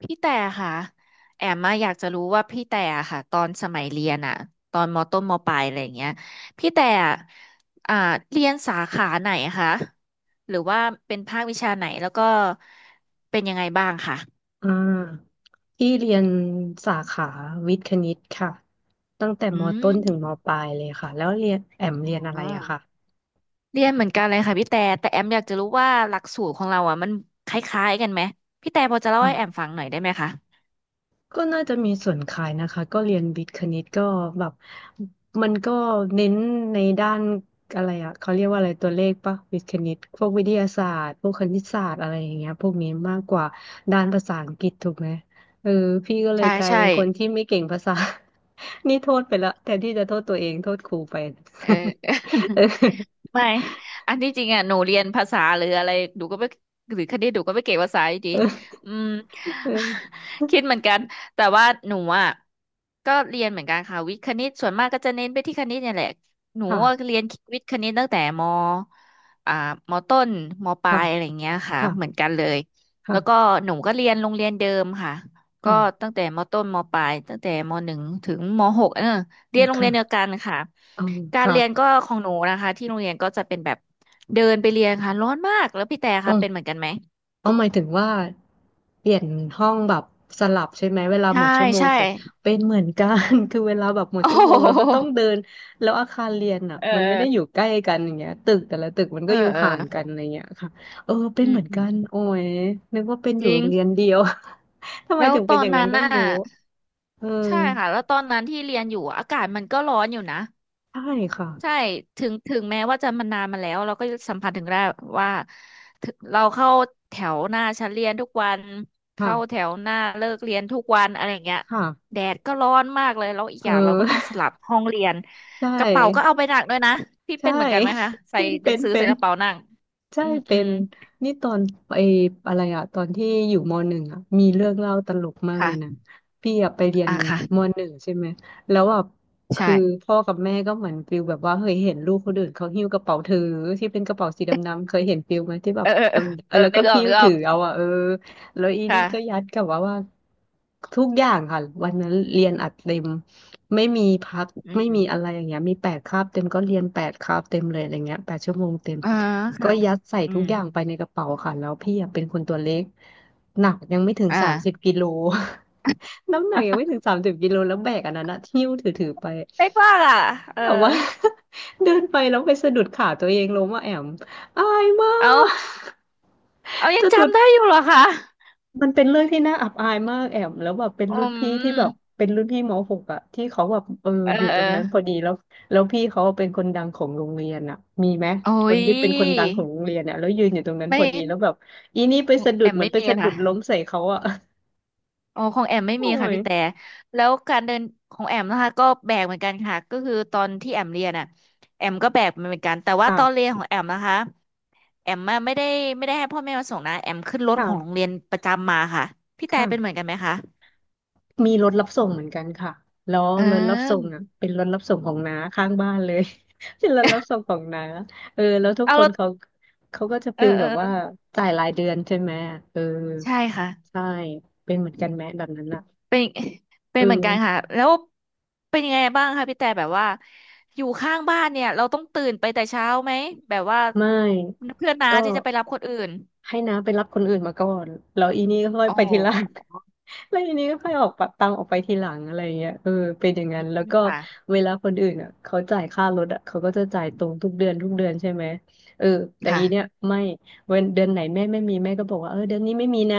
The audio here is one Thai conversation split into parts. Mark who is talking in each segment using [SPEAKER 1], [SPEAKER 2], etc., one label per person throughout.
[SPEAKER 1] พี่แต่ค่ะแอมมาอยากจะรู้ว่าพี่แต่อะค่ะตอนสมัยเรียนอะตอนมต้นมปลายอะไรอย่างเงี้ยพี่แต่อะอ่าเรียนสาขาไหนคะหรือว่าเป็นภาควิชาไหนแล้วก็เป็นยังไงบ้างค่ะ
[SPEAKER 2] อ่าที่เรียนสาขาวิทย์คณิตค่ะตั้งแต่ม
[SPEAKER 1] อื
[SPEAKER 2] ต้น
[SPEAKER 1] ม
[SPEAKER 2] ถึงมปลายเลยค่ะแล้วเรียนแอม
[SPEAKER 1] อ๋
[SPEAKER 2] เรี
[SPEAKER 1] อ
[SPEAKER 2] ยนอะไรอะค่ะ
[SPEAKER 1] เรียนเหมือนกันเลยค่ะพี่แต่แต่แอมอยากจะรู้ว่าหลักสูตรของเราอะมันคล้ายๆกันไหมพี่แต่พอจะเล่าให้แอมฟังหน่อยได้ไหมคะ
[SPEAKER 2] ก็น่าจะมีส่วนคล้ายนะคะก็เรียนวิทย์คณิตก็แบบมันก็เน้นในด้านอะไรอะเขาเรียกว่าอะไรตัวเลขปะวิทย์คณิตพวกวิทยาศาสตร์พวกคณิตศาสตร์อะไรอย่างเงี้ยพวกนี้มากกว่าด้านภาษาอังกฤษถูกไหมเออพี่ก็เลย
[SPEAKER 1] ใช่
[SPEAKER 2] กลาย
[SPEAKER 1] ใช่
[SPEAKER 2] เป็นคนที่ไม่เก่งภาษา นี่โทษไปละแทนที่จะโทษตัวเองโทษครูไป
[SPEAKER 1] เออ
[SPEAKER 2] เออ
[SPEAKER 1] ไม่อันที่จริงอ่ะหนูเรียนภาษาหรืออะไรหนูก็ไม่หรือคณิตหนูก็ไม่เก่งภาษาอยู่ดี
[SPEAKER 2] เออ
[SPEAKER 1] อืม
[SPEAKER 2] เออ
[SPEAKER 1] คิดเหมือนกันแต่ว่าหนูอ่ะก็เรียนเหมือนกันค่ะวิทย์คณิตส่วนมากก็จะเน้นไปที่คณิตเนี่ยแหละหนูอะ
[SPEAKER 2] ค่ะ
[SPEAKER 1] เรียนวิทย์คณิตตั้งแต่มอ่ามต้นมปลา
[SPEAKER 2] ค่ะ
[SPEAKER 1] ยอะไรอย่างเงี้ยค่ะเหมือน
[SPEAKER 2] ค่ะ
[SPEAKER 1] กันเลยแล้วก็
[SPEAKER 2] ค่ะ
[SPEAKER 1] หนูก็เรียนโรงเรียนเดิมค่ะก็
[SPEAKER 2] ค่ะ
[SPEAKER 1] ตั้งแต่มต้นมปลายตั้งแต่มหนึ่งถึงมหกเออเรียนโรงเรี
[SPEAKER 2] ค่ะ
[SPEAKER 1] ยนเดียวกันค่ะ
[SPEAKER 2] เออ
[SPEAKER 1] การ
[SPEAKER 2] ค่ะ
[SPEAKER 1] เรียน
[SPEAKER 2] เอ
[SPEAKER 1] ก็
[SPEAKER 2] อค่ะ
[SPEAKER 1] ของหนูนะคะที่โรงเรียนก็จะเป็นแบบเดินไปเรียนค่ะร้อนมากแล้วพี่แต่
[SPEAKER 2] อ๋อ
[SPEAKER 1] ค่ะเป็นเหมือนกันไหม
[SPEAKER 2] เอาหมายถึงว่าเปลี่ยนห้องแบบสลับใช่ไหมเวลาหม
[SPEAKER 1] ใช่
[SPEAKER 2] ดชั่วโมง
[SPEAKER 1] ใช่
[SPEAKER 2] ของเป็นเหมือนกัน คือเวลาแบบหม ด
[SPEAKER 1] โอ้โ
[SPEAKER 2] ชั่วโมงเราก็ต้อง
[SPEAKER 1] ห
[SPEAKER 2] เดินแล้วอาคารเรียนอ่ะ
[SPEAKER 1] เ
[SPEAKER 2] มันไม่ได้อ
[SPEAKER 1] ออ
[SPEAKER 2] ยู่ใกล้กันอย่างเงี้ยตึกแต่ละตึกมัน
[SPEAKER 1] เอ
[SPEAKER 2] ก็
[SPEAKER 1] อ
[SPEAKER 2] อยู่
[SPEAKER 1] เอ
[SPEAKER 2] ห่างกัน
[SPEAKER 1] อ
[SPEAKER 2] อะไรเงี้ยค่ะเออเป็
[SPEAKER 1] อื
[SPEAKER 2] นเห
[SPEAKER 1] ม
[SPEAKER 2] มือน
[SPEAKER 1] อื
[SPEAKER 2] กั
[SPEAKER 1] ม
[SPEAKER 2] นโอ้ยนึกว่าเป็นอ
[SPEAKER 1] จ
[SPEAKER 2] ยู่
[SPEAKER 1] ริ
[SPEAKER 2] โร
[SPEAKER 1] ง
[SPEAKER 2] งเรียนเดียว ทำไม
[SPEAKER 1] แล้ว
[SPEAKER 2] ถึง
[SPEAKER 1] ต
[SPEAKER 2] เป็น
[SPEAKER 1] อ
[SPEAKER 2] อ
[SPEAKER 1] น
[SPEAKER 2] ย่างนั้
[SPEAKER 1] นั้
[SPEAKER 2] น
[SPEAKER 1] น
[SPEAKER 2] ก็
[SPEAKER 1] น่ะ
[SPEAKER 2] ไม่รู้เออ
[SPEAKER 1] ใช่ค่ะแล้วตอนนั้นที่เรียนอยู่อากาศมันก็ร้อนอยู่นะ
[SPEAKER 2] ใช่ค่ะ
[SPEAKER 1] ใช่ถึงแม้ว่าจะมันนานมาแล้วเราก็สัมผัสถึงได้ว่าถึงเราเข้าแถวหน้าชั้นเรียนทุกวันเข้าแถ
[SPEAKER 2] ค่ะ
[SPEAKER 1] วหน้าเลิกเรียนทุกวันอะไรอย่างเงี้ย
[SPEAKER 2] ค่ะ
[SPEAKER 1] แดดก็ร้อนมากเลยแล้วอีก
[SPEAKER 2] เอ
[SPEAKER 1] อย่างเราก็ต้องส
[SPEAKER 2] อ
[SPEAKER 1] ลับห้องเรียน
[SPEAKER 2] ใช่
[SPEAKER 1] กระเป๋าก็เอาไปหนักด้วยนะพี่
[SPEAKER 2] ใช่
[SPEAKER 1] เป็นเหมือนกันไหมคะ ใส่
[SPEAKER 2] เป็น
[SPEAKER 1] หนั
[SPEAKER 2] เป็
[SPEAKER 1] ง
[SPEAKER 2] น
[SPEAKER 1] สือ
[SPEAKER 2] เป็
[SPEAKER 1] ใส่
[SPEAKER 2] น
[SPEAKER 1] กระเป๋าหนัก
[SPEAKER 2] ใช่
[SPEAKER 1] อืมอื
[SPEAKER 2] เป็
[SPEAKER 1] ม
[SPEAKER 2] นนี่ตอนไออะไรอะตอนที่อยู่มหนึ่งอะมีเรื่องเล่าตลกมากเลยนะ
[SPEAKER 1] ค่ะ
[SPEAKER 2] พี่อะไปเรียน
[SPEAKER 1] ค่ะ
[SPEAKER 2] มหนึ่งใช่ไหมแล้วอะ
[SPEAKER 1] ใช่
[SPEAKER 2] คือพ่อกับแม่ก็เหมือนฟิลแบบว่าเคยเห็นลูกคนอื่นเขาหิ้วกระเป๋าถือที่เป็นกระเป๋าสีดำๆเคยเห็นฟิลไหมที่แบ
[SPEAKER 1] เอ
[SPEAKER 2] บ
[SPEAKER 1] อเออ
[SPEAKER 2] ดำเอ
[SPEAKER 1] เอ
[SPEAKER 2] อ
[SPEAKER 1] อ
[SPEAKER 2] แล้ว
[SPEAKER 1] เออนึ
[SPEAKER 2] ก็
[SPEAKER 1] กออก
[SPEAKER 2] หิ้ว
[SPEAKER 1] นึกอ
[SPEAKER 2] ถื
[SPEAKER 1] อ
[SPEAKER 2] อ
[SPEAKER 1] ก
[SPEAKER 2] เอาอะเออแล้วอีนี่
[SPEAKER 1] ค่ะ
[SPEAKER 2] ก็ยัดกับว่าทุกอย่างค่ะวันนั้นเรียนอัดเต็มไม่มีพัก
[SPEAKER 1] อื
[SPEAKER 2] ไม่มีอะไร
[SPEAKER 1] ม
[SPEAKER 2] อย่างเงี้ยมีแปดคาบเต็มก็เรียนแปดคาบเต็มเลยอะไรเงี้ย8 ชั่วโมงเต็ม
[SPEAKER 1] อ่า
[SPEAKER 2] ก็
[SPEAKER 1] ค่ะ
[SPEAKER 2] ยัดใส่
[SPEAKER 1] อื
[SPEAKER 2] ทุก
[SPEAKER 1] ม
[SPEAKER 2] อย่างไปในกระเป๋าค่ะแล้วพี่อะเป็นคนตัวเล็กหนักยังไม่ถึง
[SPEAKER 1] อ่า
[SPEAKER 2] สามสิบกิโล น้ำหนักยังไม่ถึง30 กิโลแล้วแบกอันนั้นนะหิ้วถือไป
[SPEAKER 1] เป๊กว่าล่ะเออ
[SPEAKER 2] แบบว่า เดินไปแล้วไปสะดุดขาตัวเองล้มอะแอมอายมา
[SPEAKER 1] เอา
[SPEAKER 2] ก
[SPEAKER 1] เอา ยัง
[SPEAKER 2] จะดุด
[SPEAKER 1] จำได้อยู่เหรอคะ
[SPEAKER 2] มันเป็นเรื่องที่น่าอับอายมากแอมแล้วแบบ
[SPEAKER 1] อืม
[SPEAKER 2] เป็นรุ่นพี่มหกอะที่เขาแบบเออ
[SPEAKER 1] เออ
[SPEAKER 2] อยู่
[SPEAKER 1] เอ
[SPEAKER 2] ตร
[SPEAKER 1] อ
[SPEAKER 2] งนั้นพอดีแล้วพี่เขาเป็นคนดังของโรงเรียนอะมีไหม
[SPEAKER 1] โอ้
[SPEAKER 2] คน
[SPEAKER 1] ย
[SPEAKER 2] ที่เป็นคนดังของโรงเรียนอะแล้วยืนอยู่ตรงนั้น
[SPEAKER 1] ไม่
[SPEAKER 2] พอดีแล้วแบบอีนี่ไปสะดุ
[SPEAKER 1] แอ
[SPEAKER 2] ด
[SPEAKER 1] ม
[SPEAKER 2] เหมือ
[SPEAKER 1] ไม่
[SPEAKER 2] นไป
[SPEAKER 1] มี
[SPEAKER 2] สะดุ
[SPEAKER 1] ค่ะ
[SPEAKER 2] ดล้มใส่เขาอะ
[SPEAKER 1] โอ้ของแอมไม่
[SPEAKER 2] โอ้
[SPEAKER 1] มีค่ะ
[SPEAKER 2] ย
[SPEAKER 1] พี่แต่แล้วการเดินของแอมนะคะก็แบกเหมือนกันค่ะก็คือตอนที่แอมเรียนอ่ะแอมก็แบกมันเหมือนกันแต่ว่าตอนเรีย
[SPEAKER 2] ค่ะ
[SPEAKER 1] นของแอมนะคะแอมอะไม่ได้ให้พ่อแม่มาส่งนะแอมขึ้นรถของโรง
[SPEAKER 2] ค่ะ
[SPEAKER 1] เรียนประจำมาค่ะพี่แต่เป็นเหมือน
[SPEAKER 2] ค่ะ
[SPEAKER 1] กันไหมคะ
[SPEAKER 2] มีรถรับส่งเหมือนกันค่ะแล้ว
[SPEAKER 1] เ
[SPEAKER 2] รถรับส่ง
[SPEAKER 1] ออ
[SPEAKER 2] อ่ะเป็นรถรับส่งของน้าข้างบ้านเลย เป็นรถรับส่งของน้าเออแล้วทุก
[SPEAKER 1] เอา
[SPEAKER 2] ค
[SPEAKER 1] ร
[SPEAKER 2] น
[SPEAKER 1] ถ
[SPEAKER 2] เขาเขาก็จะ
[SPEAKER 1] เออ
[SPEAKER 2] ฟิล
[SPEAKER 1] เอ
[SPEAKER 2] แบ
[SPEAKER 1] อ
[SPEAKER 2] บ
[SPEAKER 1] เอ
[SPEAKER 2] ว่า
[SPEAKER 1] อ
[SPEAKER 2] จ่ายรายเดือนใช่ไหมเออ
[SPEAKER 1] ใช่ค่ะ
[SPEAKER 2] ใช่เป็นเหมือนกันแม้แบบนั้นอ่ะ
[SPEAKER 1] เป็นเป็
[SPEAKER 2] เอ
[SPEAKER 1] นเหมือนกันค่ะ
[SPEAKER 2] อ
[SPEAKER 1] แล้ว เป็นยังไงบ้างคะพี่แต่แบบว่าอยู่ข้างบ้านเนี่ยเราต้องตื่นไปแต่เช้าไหมแบบว่า
[SPEAKER 2] ไม่
[SPEAKER 1] เพื่อนน้า
[SPEAKER 2] ก็
[SPEAKER 1] ที่จะไปรับคนอื่น
[SPEAKER 2] ให้น้าไปรับคนอื่นมาก่อนแล้วอีนี่ก็ค่อย
[SPEAKER 1] อ๋
[SPEAKER 2] ไปทีหลัง
[SPEAKER 1] อ
[SPEAKER 2] แล้วอีนี่ก็ค่อยออกปะตามออกไปทีหลังอะไรอย่างเงี้ยเออเป็นอย่างนั้นแล้วก็
[SPEAKER 1] ค่ะ
[SPEAKER 2] เวลาคนอื่นอ่ะเขาจ่ายค่ารถอ่ะเขาก็จะจ่ายตรงทุกเดือนทุกเดือนใช่ไหมเออแต่อี
[SPEAKER 1] ค่ะ
[SPEAKER 2] เนี่ยไม่เว้นเดือนไหนแม่ไม่มีแม่ก็บอกว่าเออเดือนนี้ไม่มีนะ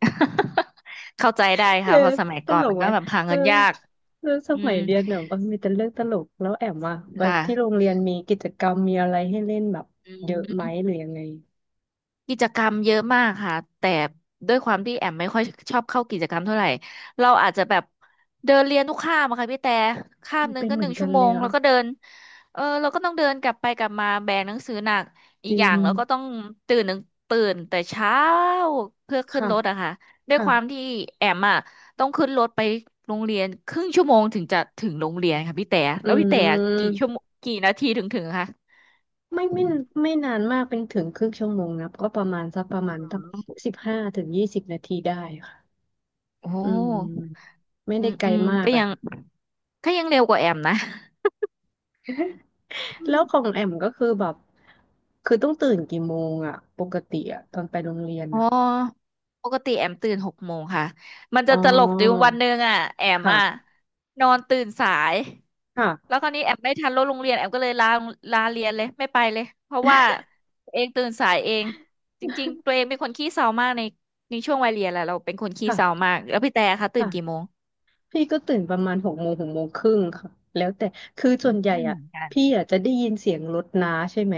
[SPEAKER 1] เข้าใจได้
[SPEAKER 2] เออ
[SPEAKER 1] ค่ะเพราะสมัย
[SPEAKER 2] ต
[SPEAKER 1] ก่อ
[SPEAKER 2] ล
[SPEAKER 1] นมั
[SPEAKER 2] ก
[SPEAKER 1] น
[SPEAKER 2] ไหม
[SPEAKER 1] ก็แบบหา
[SPEAKER 2] เออ
[SPEAKER 1] เงินยาก
[SPEAKER 2] เรื่องส
[SPEAKER 1] อื
[SPEAKER 2] มั
[SPEAKER 1] ม
[SPEAKER 2] ยเรียนเนี่ยมันมีแต่เรื่องตลกแล้วแอมว่าแบบที่โรง
[SPEAKER 1] ค่ะ
[SPEAKER 2] เรียนมีกิจกรรมมีอะไรให้เล่นแบบ
[SPEAKER 1] อื
[SPEAKER 2] เยอะไหมหรื
[SPEAKER 1] ม
[SPEAKER 2] อยังไง
[SPEAKER 1] กิจกรรมเยอะมากค่ะแต่ด้วยความที่แอมไม่ค่อยชอบเข้ากิจกรรมเท่าไหร่เราอาจจะแบบเดินเรียนทุกคาบอะค่ะพี่แต่คาบหนึ่ง
[SPEAKER 2] เป็น
[SPEAKER 1] ก็
[SPEAKER 2] เห
[SPEAKER 1] ห
[SPEAKER 2] มื
[SPEAKER 1] นึ่
[SPEAKER 2] อน
[SPEAKER 1] ง
[SPEAKER 2] กั
[SPEAKER 1] ชั่
[SPEAKER 2] น
[SPEAKER 1] วโม
[SPEAKER 2] เลย
[SPEAKER 1] ง
[SPEAKER 2] อ่ะ
[SPEAKER 1] แล้วก็เดินเออเราก็ต้องเดินกลับไปกลับมาแบกหนังสือหนักอี
[SPEAKER 2] จ
[SPEAKER 1] ก
[SPEAKER 2] ริ
[SPEAKER 1] อย่า
[SPEAKER 2] ง
[SPEAKER 1] งเราก็ต้องตื่นหนึ่งตื่นแต่เช้าเพื่อขึ้น
[SPEAKER 2] ค่ะ
[SPEAKER 1] รถอะค่ะด้วยความ
[SPEAKER 2] ค่ะ
[SPEAKER 1] ที่แอมอะต้องขึ้นรถไปโรงเรียนครึ่งชั่วโมงถึงจะถึงโรงเรียนค่ะพี่แต่
[SPEAKER 2] อื
[SPEAKER 1] แล้วพี่แต่กี่ชั่ว
[SPEAKER 2] ม
[SPEAKER 1] โมงกี่นาทีถึงถึงคะ
[SPEAKER 2] ไม่ไม่ไม่นานมากเป็นถึงครึ่งชั่วโมงนะก็ประมาณสักประมาณตั้ง15 ถึง 20 นาทีได้ค่ะ
[SPEAKER 1] โอ้
[SPEAKER 2] อืม ไม่
[SPEAKER 1] อื
[SPEAKER 2] ได้
[SPEAKER 1] ม
[SPEAKER 2] ไกล
[SPEAKER 1] อืม
[SPEAKER 2] มาก
[SPEAKER 1] ก็
[SPEAKER 2] อะ
[SPEAKER 1] ยัง
[SPEAKER 2] ค่ะ
[SPEAKER 1] ก็ยังเร็วกว่าแอมนะอื
[SPEAKER 2] แล้ว
[SPEAKER 1] ม
[SPEAKER 2] ของแอมก็คือแบบ คือต้องตื่นกี่โมงอะปกติอะตอนไปโรงเรียน
[SPEAKER 1] อ๋อ
[SPEAKER 2] อะ
[SPEAKER 1] ปกติแอมตื่นหกโมงค่ะมัน
[SPEAKER 2] อ๋
[SPEAKER 1] จะ
[SPEAKER 2] อ
[SPEAKER 1] ตลกจริงวันหนึ่งอ่ะแอมอ่ะ
[SPEAKER 2] ค่ะ
[SPEAKER 1] นอนตื่นสาย
[SPEAKER 2] ค่ะ
[SPEAKER 1] แล้วคราวนี้แอมไม่ทันรถโรงเรียนแอมก็เลยลาเรียนเลยไม่ไปเลยเพราะว่าตัวเองตื่นสายเองจริงๆตัวเองเป็นคนขี้เศร้ามากในช่วงวัยเรียนแหละเราเป็นคนขี้เศร้า
[SPEAKER 2] ค่ะ
[SPEAKER 1] มากแล้วพี่แต่คะตื่นกี่
[SPEAKER 2] ค่ะ
[SPEAKER 1] โมง
[SPEAKER 2] พี่ก็ตื่นประมาณ6 โมง 6 โมงครึ่งค่ะแล้วแต่คือ
[SPEAKER 1] อื
[SPEAKER 2] ส่วนใหญ่
[SPEAKER 1] ม
[SPEAKER 2] อ่ะ
[SPEAKER 1] กัน
[SPEAKER 2] พี่อ่ะจะได้ยินเสียงรถน้าใช่ไหม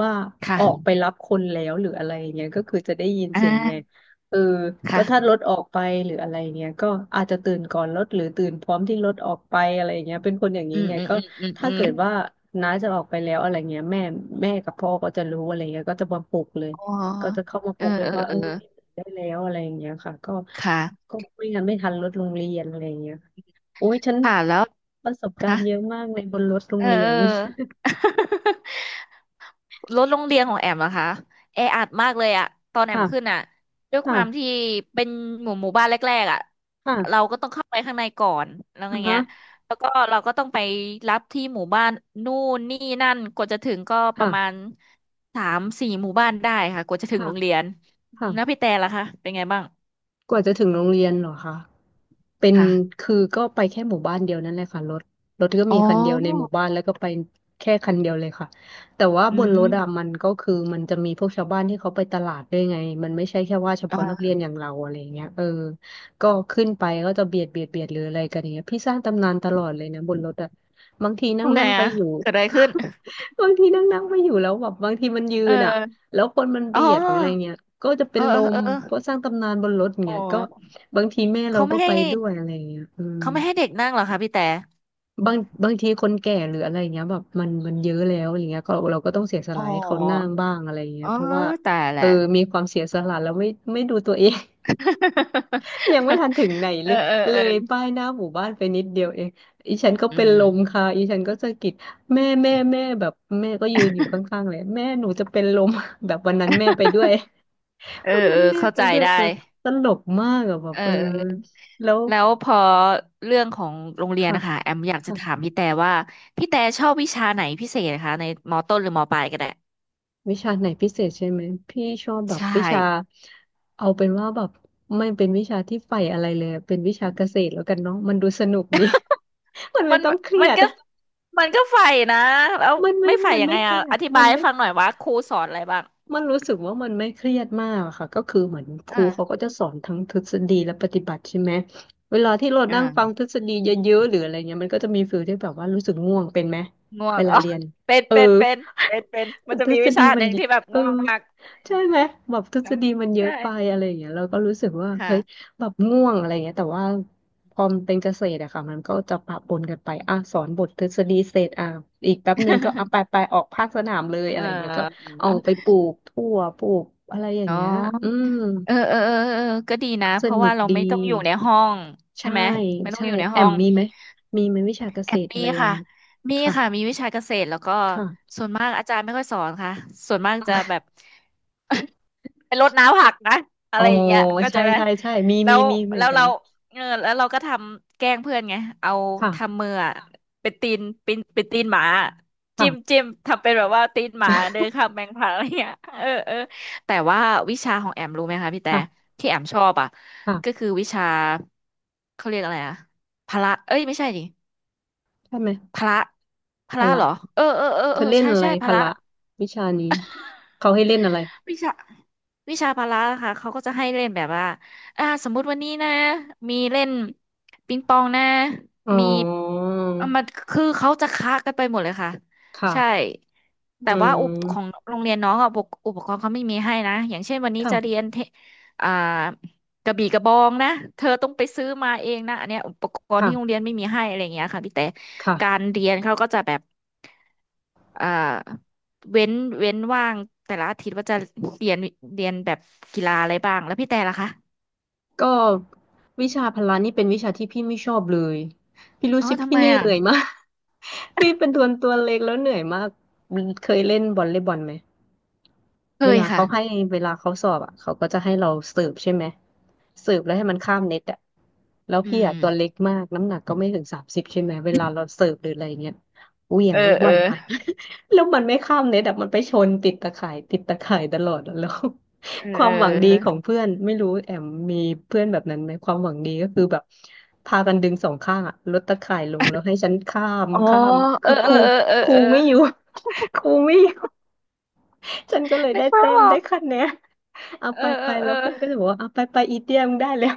[SPEAKER 2] ว่าออกไป
[SPEAKER 1] ค่ะ
[SPEAKER 2] รับคนแล้วหรืออะไรอย่างเงี้ยก็คือจะได้ยิน
[SPEAKER 1] อ่
[SPEAKER 2] เสียงไง
[SPEAKER 1] า
[SPEAKER 2] เออก็ถ้าร
[SPEAKER 1] ค่ะ
[SPEAKER 2] ถออกไปหรืออะไรเงี้ยก็อาจจะตื่นก่อนรถหรือตื่นพร้อมที่รถออกไปอะไรอย่างเงี้ยเป็นคนอย่าง
[SPEAKER 1] อื
[SPEAKER 2] นี้
[SPEAKER 1] ม
[SPEAKER 2] ไง
[SPEAKER 1] อืม
[SPEAKER 2] ก็
[SPEAKER 1] อืมอืมอื
[SPEAKER 2] ถ้า
[SPEAKER 1] ม
[SPEAKER 2] เกิดว่าน้าจะออกไปแล้วอะไรเงี้ยแม่กับพ่อก็จะรู้อะไรเงี้ย
[SPEAKER 1] อ๋อ
[SPEAKER 2] ก็จะเข้ามาป
[SPEAKER 1] เอ
[SPEAKER 2] ลุ
[SPEAKER 1] อ
[SPEAKER 2] กเล
[SPEAKER 1] เอ
[SPEAKER 2] ย
[SPEAKER 1] อ
[SPEAKER 2] ว่าเอ
[SPEAKER 1] เออ
[SPEAKER 2] อได้แล้วอะไรอย่างเงี้ยค่ะก็
[SPEAKER 1] ค่ะ
[SPEAKER 2] ก็ไม่งั้นไม่ทันรถโรงเรียนอะไรอย่างเงี้ยโอ้ยฉัน
[SPEAKER 1] ค่ะแล้ว
[SPEAKER 2] ประสบกา
[SPEAKER 1] ค่ะ
[SPEAKER 2] รณ์เยอะมากเลยบนรถโร
[SPEAKER 1] เอ
[SPEAKER 2] ง
[SPEAKER 1] อ
[SPEAKER 2] เรี ย
[SPEAKER 1] เอ
[SPEAKER 2] น
[SPEAKER 1] อ รถโรงเรียนของแอมอะคะแออัดมากเลยอะตอน แอมขึ้น
[SPEAKER 2] ค่ะ
[SPEAKER 1] อะด้วยความ
[SPEAKER 2] ค่ะ
[SPEAKER 1] ที่เป็นหมู่บ้านแรกๆอะเรา
[SPEAKER 2] ค่ะ
[SPEAKER 1] ก็ต้องเข้าไปข้างในก่อนแล้ว
[SPEAKER 2] อ่า
[SPEAKER 1] อย่าง
[SPEAKER 2] ฮะ
[SPEAKER 1] เงี้ยแล้วก็เราก็ต้องไปรับที่หมู่บ้านนู่นนี่นั่นกว่าจะถึงก็ป
[SPEAKER 2] ค่ะ
[SPEAKER 1] ระมาณสามสี่หมู่บ้านได้ค่ะกว่าจะถึง
[SPEAKER 2] ค่ะ
[SPEAKER 1] โรงเรียนอืม
[SPEAKER 2] ค่ะ
[SPEAKER 1] แล้วพี่แต่ล่ะคะเป็นไงบ้าง
[SPEAKER 2] กว่าจะถึงโรงเรียนเหรอคะเป็น
[SPEAKER 1] ค่ะ
[SPEAKER 2] คือก็ไปแค่หมู่บ้านเดียวนั่นแหละค่ะรถก็
[SPEAKER 1] อ๋อ
[SPEAKER 2] มีคันเดียวในหมู่บ้านแล้วก็ไปแค่คันเดียวเลยค่ะแต่ว่าบ
[SPEAKER 1] อื
[SPEAKER 2] นร
[SPEAKER 1] ม
[SPEAKER 2] ถอะมันก็คือมันจะมีพวกชาวบ้านที่เขาไปตลาดด้วยไงมันไม่ใช่แค่ว่าเฉ
[SPEAKER 1] อ่
[SPEAKER 2] พาะนัก
[SPEAKER 1] า
[SPEAKER 2] เรียนอย่างเราอะไรอย่างเงี้ยเออก็ขึ้นไปก็จะเบียดหรืออะไรกันอย่างเงี้ยพี่สร้างตำนานตลอดเลยนะบนรถอะบางทีนั่ง
[SPEAKER 1] ทำไง
[SPEAKER 2] นั่งไป
[SPEAKER 1] อะ
[SPEAKER 2] อยู่
[SPEAKER 1] เกิดอะไรขึ้น
[SPEAKER 2] บางทีนั่งนั่งไปอยู่แล้วแบบบางทีมันยื
[SPEAKER 1] เอ
[SPEAKER 2] นอะ
[SPEAKER 1] อ
[SPEAKER 2] แล้วคนมัน
[SPEAKER 1] อ๋อ
[SPEAKER 2] เบียดหรืออะไรเงี้ยก็จะเป็
[SPEAKER 1] เอ
[SPEAKER 2] น
[SPEAKER 1] อ
[SPEAKER 2] ล
[SPEAKER 1] เอ
[SPEAKER 2] ม
[SPEAKER 1] อเออ
[SPEAKER 2] เพราะสร้างตำนานบนรถ
[SPEAKER 1] อ๋
[SPEAKER 2] เงี้ยก็
[SPEAKER 1] อ
[SPEAKER 2] บางทีแม่เรา
[SPEAKER 1] เขา
[SPEAKER 2] ก็
[SPEAKER 1] ไม่ให้
[SPEAKER 2] ไปด้วยอะไรเงี้ยอืม
[SPEAKER 1] เขาไม่ให้เด็กนั่งเหรอคะพี่แต่
[SPEAKER 2] บางบางทีคนแก่หรืออะไรเงี้ยแบบมันเยอะแล้วอย่างเงี้ยก็เราก็ต้องเสียส
[SPEAKER 1] อ๋อ
[SPEAKER 2] ละให้เขานั่งบ้างอะไรเงี้ย
[SPEAKER 1] อ๋อ
[SPEAKER 2] เพราะว่า
[SPEAKER 1] ตายแห
[SPEAKER 2] เออ
[SPEAKER 1] ละ
[SPEAKER 2] มีความเสียสละแล้วไม่ดูตัวเอง ยังไม่ทันถึงไหน
[SPEAKER 1] เอ
[SPEAKER 2] เล
[SPEAKER 1] อ
[SPEAKER 2] ย
[SPEAKER 1] เออ
[SPEAKER 2] เล
[SPEAKER 1] เออ
[SPEAKER 2] ยป้ายหน้าหมู่บ้านไปนิดเดียวเองอีฉันก็
[SPEAKER 1] อื
[SPEAKER 2] เป็นลม
[SPEAKER 1] ม
[SPEAKER 2] ค่ะอีฉันก็สะกิดแม่แบบแม่ก็ยืนอยู่ข้างๆเลยแม่หนูจะเป็นลม แบบวันนั้นแม่ไปด้วย
[SPEAKER 1] เออ
[SPEAKER 2] วันนั้
[SPEAKER 1] เอ
[SPEAKER 2] น
[SPEAKER 1] อ
[SPEAKER 2] แม่
[SPEAKER 1] เข้า
[SPEAKER 2] ไป
[SPEAKER 1] ใจ
[SPEAKER 2] ด้วย
[SPEAKER 1] ได้
[SPEAKER 2] เออตลกมากอะแบบ
[SPEAKER 1] เออ
[SPEAKER 2] เออ
[SPEAKER 1] เออ
[SPEAKER 2] แล้ว
[SPEAKER 1] แล้วพอเรื่องของโรงเรียน
[SPEAKER 2] ค่ะ
[SPEAKER 1] นะคะแอมอยากจะถาม
[SPEAKER 2] ค่ะ
[SPEAKER 1] พี่แต่ว่าพี่แต่ชอบวิชาไหนพิเศษนะคะในมอต้นหรือมอปลายก็ได้
[SPEAKER 2] วิชาไหนพิเศษใช่ไหมพี่ชอบแบบ
[SPEAKER 1] ใช่
[SPEAKER 2] วิชาเอาเป็นว่าแบบไม่เป็นวิชาที่ใฝ่อะไรเลยเป็นวิชาเกษตรแล้วกันเนาะมันดูสนุกดี มันไม่
[SPEAKER 1] มัน
[SPEAKER 2] ต้องเครี
[SPEAKER 1] มั
[SPEAKER 2] ย
[SPEAKER 1] น
[SPEAKER 2] ด
[SPEAKER 1] ก็มันก็ใฝ่นะแล้วไม่ใฝ่
[SPEAKER 2] มัน
[SPEAKER 1] ยัง
[SPEAKER 2] ไม่
[SPEAKER 1] ไง
[SPEAKER 2] เค
[SPEAKER 1] อ่ะ
[SPEAKER 2] รีย
[SPEAKER 1] อ
[SPEAKER 2] ด
[SPEAKER 1] ธิบายให้ฟังหน่อยว่าครูสอนอะไรบ้าง
[SPEAKER 2] มันรู้สึกว่ามันไม่เครียดมากอะค่ะก็คือเหมือนครู
[SPEAKER 1] อ่า
[SPEAKER 2] เขาก็จะสอนทั้งทฤษฎีและปฏิบัติใช่ไหมเวลาที่เรา
[SPEAKER 1] อ่า
[SPEAKER 2] นั่งฟังทฤษฎีเยอะๆหรืออะไรเงี้ยมันก็จะมีฟีลที่แบบว่ารู้สึกง่วงเป็นไหม
[SPEAKER 1] ง่ว
[SPEAKER 2] เว
[SPEAKER 1] ง
[SPEAKER 2] ลา
[SPEAKER 1] อ๋อ
[SPEAKER 2] เรียน
[SPEAKER 1] เป็นเป็นเป็นเป็นมันจะ
[SPEAKER 2] ทฤ
[SPEAKER 1] มี
[SPEAKER 2] ษ
[SPEAKER 1] วิ
[SPEAKER 2] ฎี
[SPEAKER 1] ชาห
[SPEAKER 2] มัน
[SPEAKER 1] นึ่ง
[SPEAKER 2] เย
[SPEAKER 1] ที่แบบ
[SPEAKER 2] เออ
[SPEAKER 1] ง่วงมาก
[SPEAKER 2] ใช่ไหมแบบทฤษ
[SPEAKER 1] นะ
[SPEAKER 2] ฎีมันเยอะ
[SPEAKER 1] ใช่
[SPEAKER 2] ไปอะไรอย่างเงี้ยเราก็รู้สึกว่า
[SPEAKER 1] ค่ะ
[SPEAKER 2] เฮ้ยแบบง่วงอะไรเงี้ยแต่ว่าพอมันเป็นเกษตรอะค่ะมันก็จะปะปนกันไปอ่ะสอนบททฤษฎีเสร็จอ่ะอีกแป๊บนึงก็อ่ะไป ออกภาคสนามเลยอะ
[SPEAKER 1] เอ
[SPEAKER 2] ไรเงี้ยก็
[SPEAKER 1] อ
[SPEAKER 2] เอาไปปลูกถั่วปลูกอะไรอย่าง
[SPEAKER 1] อ๋อ
[SPEAKER 2] เงี้ยอืม
[SPEAKER 1] เออเออเออเออก็ดีนะ
[SPEAKER 2] ก็ส
[SPEAKER 1] เพราะ
[SPEAKER 2] นุ
[SPEAKER 1] ว่า
[SPEAKER 2] ก
[SPEAKER 1] เรา
[SPEAKER 2] ดี
[SPEAKER 1] ไม่ต้องอยู่ในห้องใช่
[SPEAKER 2] ใช่
[SPEAKER 1] ไหมไม่ต้อง
[SPEAKER 2] ใช่
[SPEAKER 1] อยู่ใน
[SPEAKER 2] แอ
[SPEAKER 1] ห้อ
[SPEAKER 2] ม
[SPEAKER 1] ง
[SPEAKER 2] มีไหมมีไหมวิชาเก
[SPEAKER 1] แอ
[SPEAKER 2] ษ
[SPEAKER 1] บ
[SPEAKER 2] ตร
[SPEAKER 1] มี
[SPEAKER 2] อะไรอย่าง
[SPEAKER 1] ค่ะ
[SPEAKER 2] เงี้ย
[SPEAKER 1] มี
[SPEAKER 2] ค่ะ
[SPEAKER 1] ค่ะมีวิชาเกษตรแล้วก็
[SPEAKER 2] ค่ะ
[SPEAKER 1] ส่วนมากอาจารย์ไม่ค่อยสอนค่ะส่วนมากจะแบบ เป็นรดน้ำผักนะอะ
[SPEAKER 2] อ๋อ
[SPEAKER 1] ไรอย่างเงี้ยเข้าใจ
[SPEAKER 2] ใช่
[SPEAKER 1] ไหม
[SPEAKER 2] ใช่ใช่มี
[SPEAKER 1] แล้ว
[SPEAKER 2] เหมือ
[SPEAKER 1] แล้
[SPEAKER 2] น
[SPEAKER 1] ว
[SPEAKER 2] กั
[SPEAKER 1] เรา
[SPEAKER 2] น
[SPEAKER 1] เออแล้วเราก็ทำแกล้งเพื่อนไงเอา
[SPEAKER 2] ค่ะ
[SPEAKER 1] ทำมืออะเป็นตีนเป็นตีนหมาจิ้ม
[SPEAKER 2] ค่ะ
[SPEAKER 1] จิ้มทำเป็นแบบว่าตีนหมาเดินข้ามแมงผาอะไรเงี้ยเออเออแต่ว่าวิชาของแอมรู้ไหมคะพี่แต่
[SPEAKER 2] ค่ะ
[SPEAKER 1] ที่แอมชอบอ่ะ
[SPEAKER 2] ค่ะ
[SPEAKER 1] ก็คือวิชาเขาเรียกอะไรอะพละเอ้ยไม่ใช่ดิ
[SPEAKER 2] ใช่ไหม
[SPEAKER 1] พละพ
[SPEAKER 2] พ
[SPEAKER 1] ละ
[SPEAKER 2] ละ
[SPEAKER 1] เหรอเออเออเออ
[SPEAKER 2] เธ
[SPEAKER 1] เอ
[SPEAKER 2] อ
[SPEAKER 1] อ
[SPEAKER 2] เล่น
[SPEAKER 1] ใช่
[SPEAKER 2] อะไร
[SPEAKER 1] ใช่พ
[SPEAKER 2] พ
[SPEAKER 1] ละ
[SPEAKER 2] ละวิชานี้เขาให้เล่นอะไร
[SPEAKER 1] วิชาวิชาพละค่ะเขาก็จะให้เล่นแบบว่าอ่าสมมุติวันนี้นะมีเล่นปิงปองนะ
[SPEAKER 2] อ๋อ
[SPEAKER 1] มีอ่ะมันคือเขาจะคะกันไปหมดเลยค่ะ
[SPEAKER 2] ค่ะ
[SPEAKER 1] ใช่แต่
[SPEAKER 2] อื
[SPEAKER 1] ว่าอุปของ
[SPEAKER 2] ม
[SPEAKER 1] โรงเรียนน้องอ่ะอุปกรณ์เขาไม่มีให้นะอย่างเช่นวันนี้จะเรีย
[SPEAKER 2] ค่ะ
[SPEAKER 1] นเทอ่ากระบี่กระบองนะเธอต้องไปซื้อมาเองนะอันเนี้ยอุปกรณ์ที่โรงเรีย
[SPEAKER 2] ค่ะ
[SPEAKER 1] นไม่มีให้อะไรอย่างเงี้ยค่ะพี่แต่การ
[SPEAKER 2] ค่ะ
[SPEAKER 1] เรียนเขาก็จะแบบ อ่าเว้นเว้นว่างแต่ละอาทิตย์ว่าจะเรียนเรียนแบบกีฬาอะไรบ้างแล้วพี่แต่ล่ะคะ
[SPEAKER 2] ก็วิชาพละนี่เป็นวิชาที่พี่ไม่ชอบเลยพี่รู้
[SPEAKER 1] อ๋อ
[SPEAKER 2] สึก
[SPEAKER 1] ทำ
[SPEAKER 2] พี่
[SPEAKER 1] ไม
[SPEAKER 2] เห
[SPEAKER 1] อ่ะ
[SPEAKER 2] นื่อยมาก พี่เป็นตัวเล็กแล้วเหนื่อยมากเคยเล่นบอลเล่บอลไหม
[SPEAKER 1] เค
[SPEAKER 2] เว
[SPEAKER 1] ย
[SPEAKER 2] ลา
[SPEAKER 1] ค่ะ
[SPEAKER 2] เขาให้เวลาเขาสอบอ่ะเขาก็จะให้เราสืบใช่ไหมสืบแล้วให้มันข้ามเน็ตอ่ะแล้ว
[SPEAKER 1] อื
[SPEAKER 2] พี่
[SPEAKER 1] ม
[SPEAKER 2] อ่ะตัวเล็กมากน้ำหนักก็ไม่ถึง30ใช่ไหมเวลาเราสืบหรืออะไรเงี้ยเหวี่ย
[SPEAKER 1] เอ
[SPEAKER 2] ง
[SPEAKER 1] อ
[SPEAKER 2] ลูกบ
[SPEAKER 1] เอ
[SPEAKER 2] อ
[SPEAKER 1] อ
[SPEAKER 2] ลไป แล้วมันไม่ข้ามเน็ตอ่ะมันไปชนติดตะข่ายตลอดอะแล้ว
[SPEAKER 1] เออ
[SPEAKER 2] ค
[SPEAKER 1] เอ
[SPEAKER 2] วามหวังดีของ
[SPEAKER 1] อ
[SPEAKER 2] เพื่อนไม่รู้แอมมีเพื่อนแบบนั้นไหมความหวังดีก็คือแบบพากันดึงสองข้างอ่ะลดตะข่ายลงแล้วให้ฉันข้าม
[SPEAKER 1] อ๋อเอ
[SPEAKER 2] คื
[SPEAKER 1] อ
[SPEAKER 2] อครู
[SPEAKER 1] เออเออเออเออ
[SPEAKER 2] ไม่อยู่ ครูไม่อยู่ ฉันก็เลย
[SPEAKER 1] นึ
[SPEAKER 2] ได้
[SPEAKER 1] กภา
[SPEAKER 2] แต็
[SPEAKER 1] พ
[SPEAKER 2] ม
[SPEAKER 1] ออ
[SPEAKER 2] ได้
[SPEAKER 1] ก
[SPEAKER 2] คะแนนเอา
[SPEAKER 1] เออ
[SPEAKER 2] ไป
[SPEAKER 1] เออเอ
[SPEAKER 2] แล้
[SPEAKER 1] อ
[SPEAKER 2] วเพื่อนก็จะบอกว่าเอาไปอีเตี้ยมึงได้แล้ว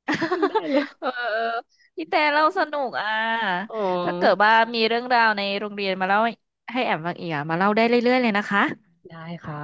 [SPEAKER 2] มึงได้ แล้ว
[SPEAKER 1] เออเออพี่แต่เล่าสนุกอ่ะ
[SPEAKER 2] อ๋อ
[SPEAKER 1] ถ้าเกิดว่ามีเรื่องราวในโรงเรียนมาเล่าให้แอมฟังอีกอ่ะมาเล่าได้เรื่อยๆเลยนะคะ
[SPEAKER 2] ได้ค่ะ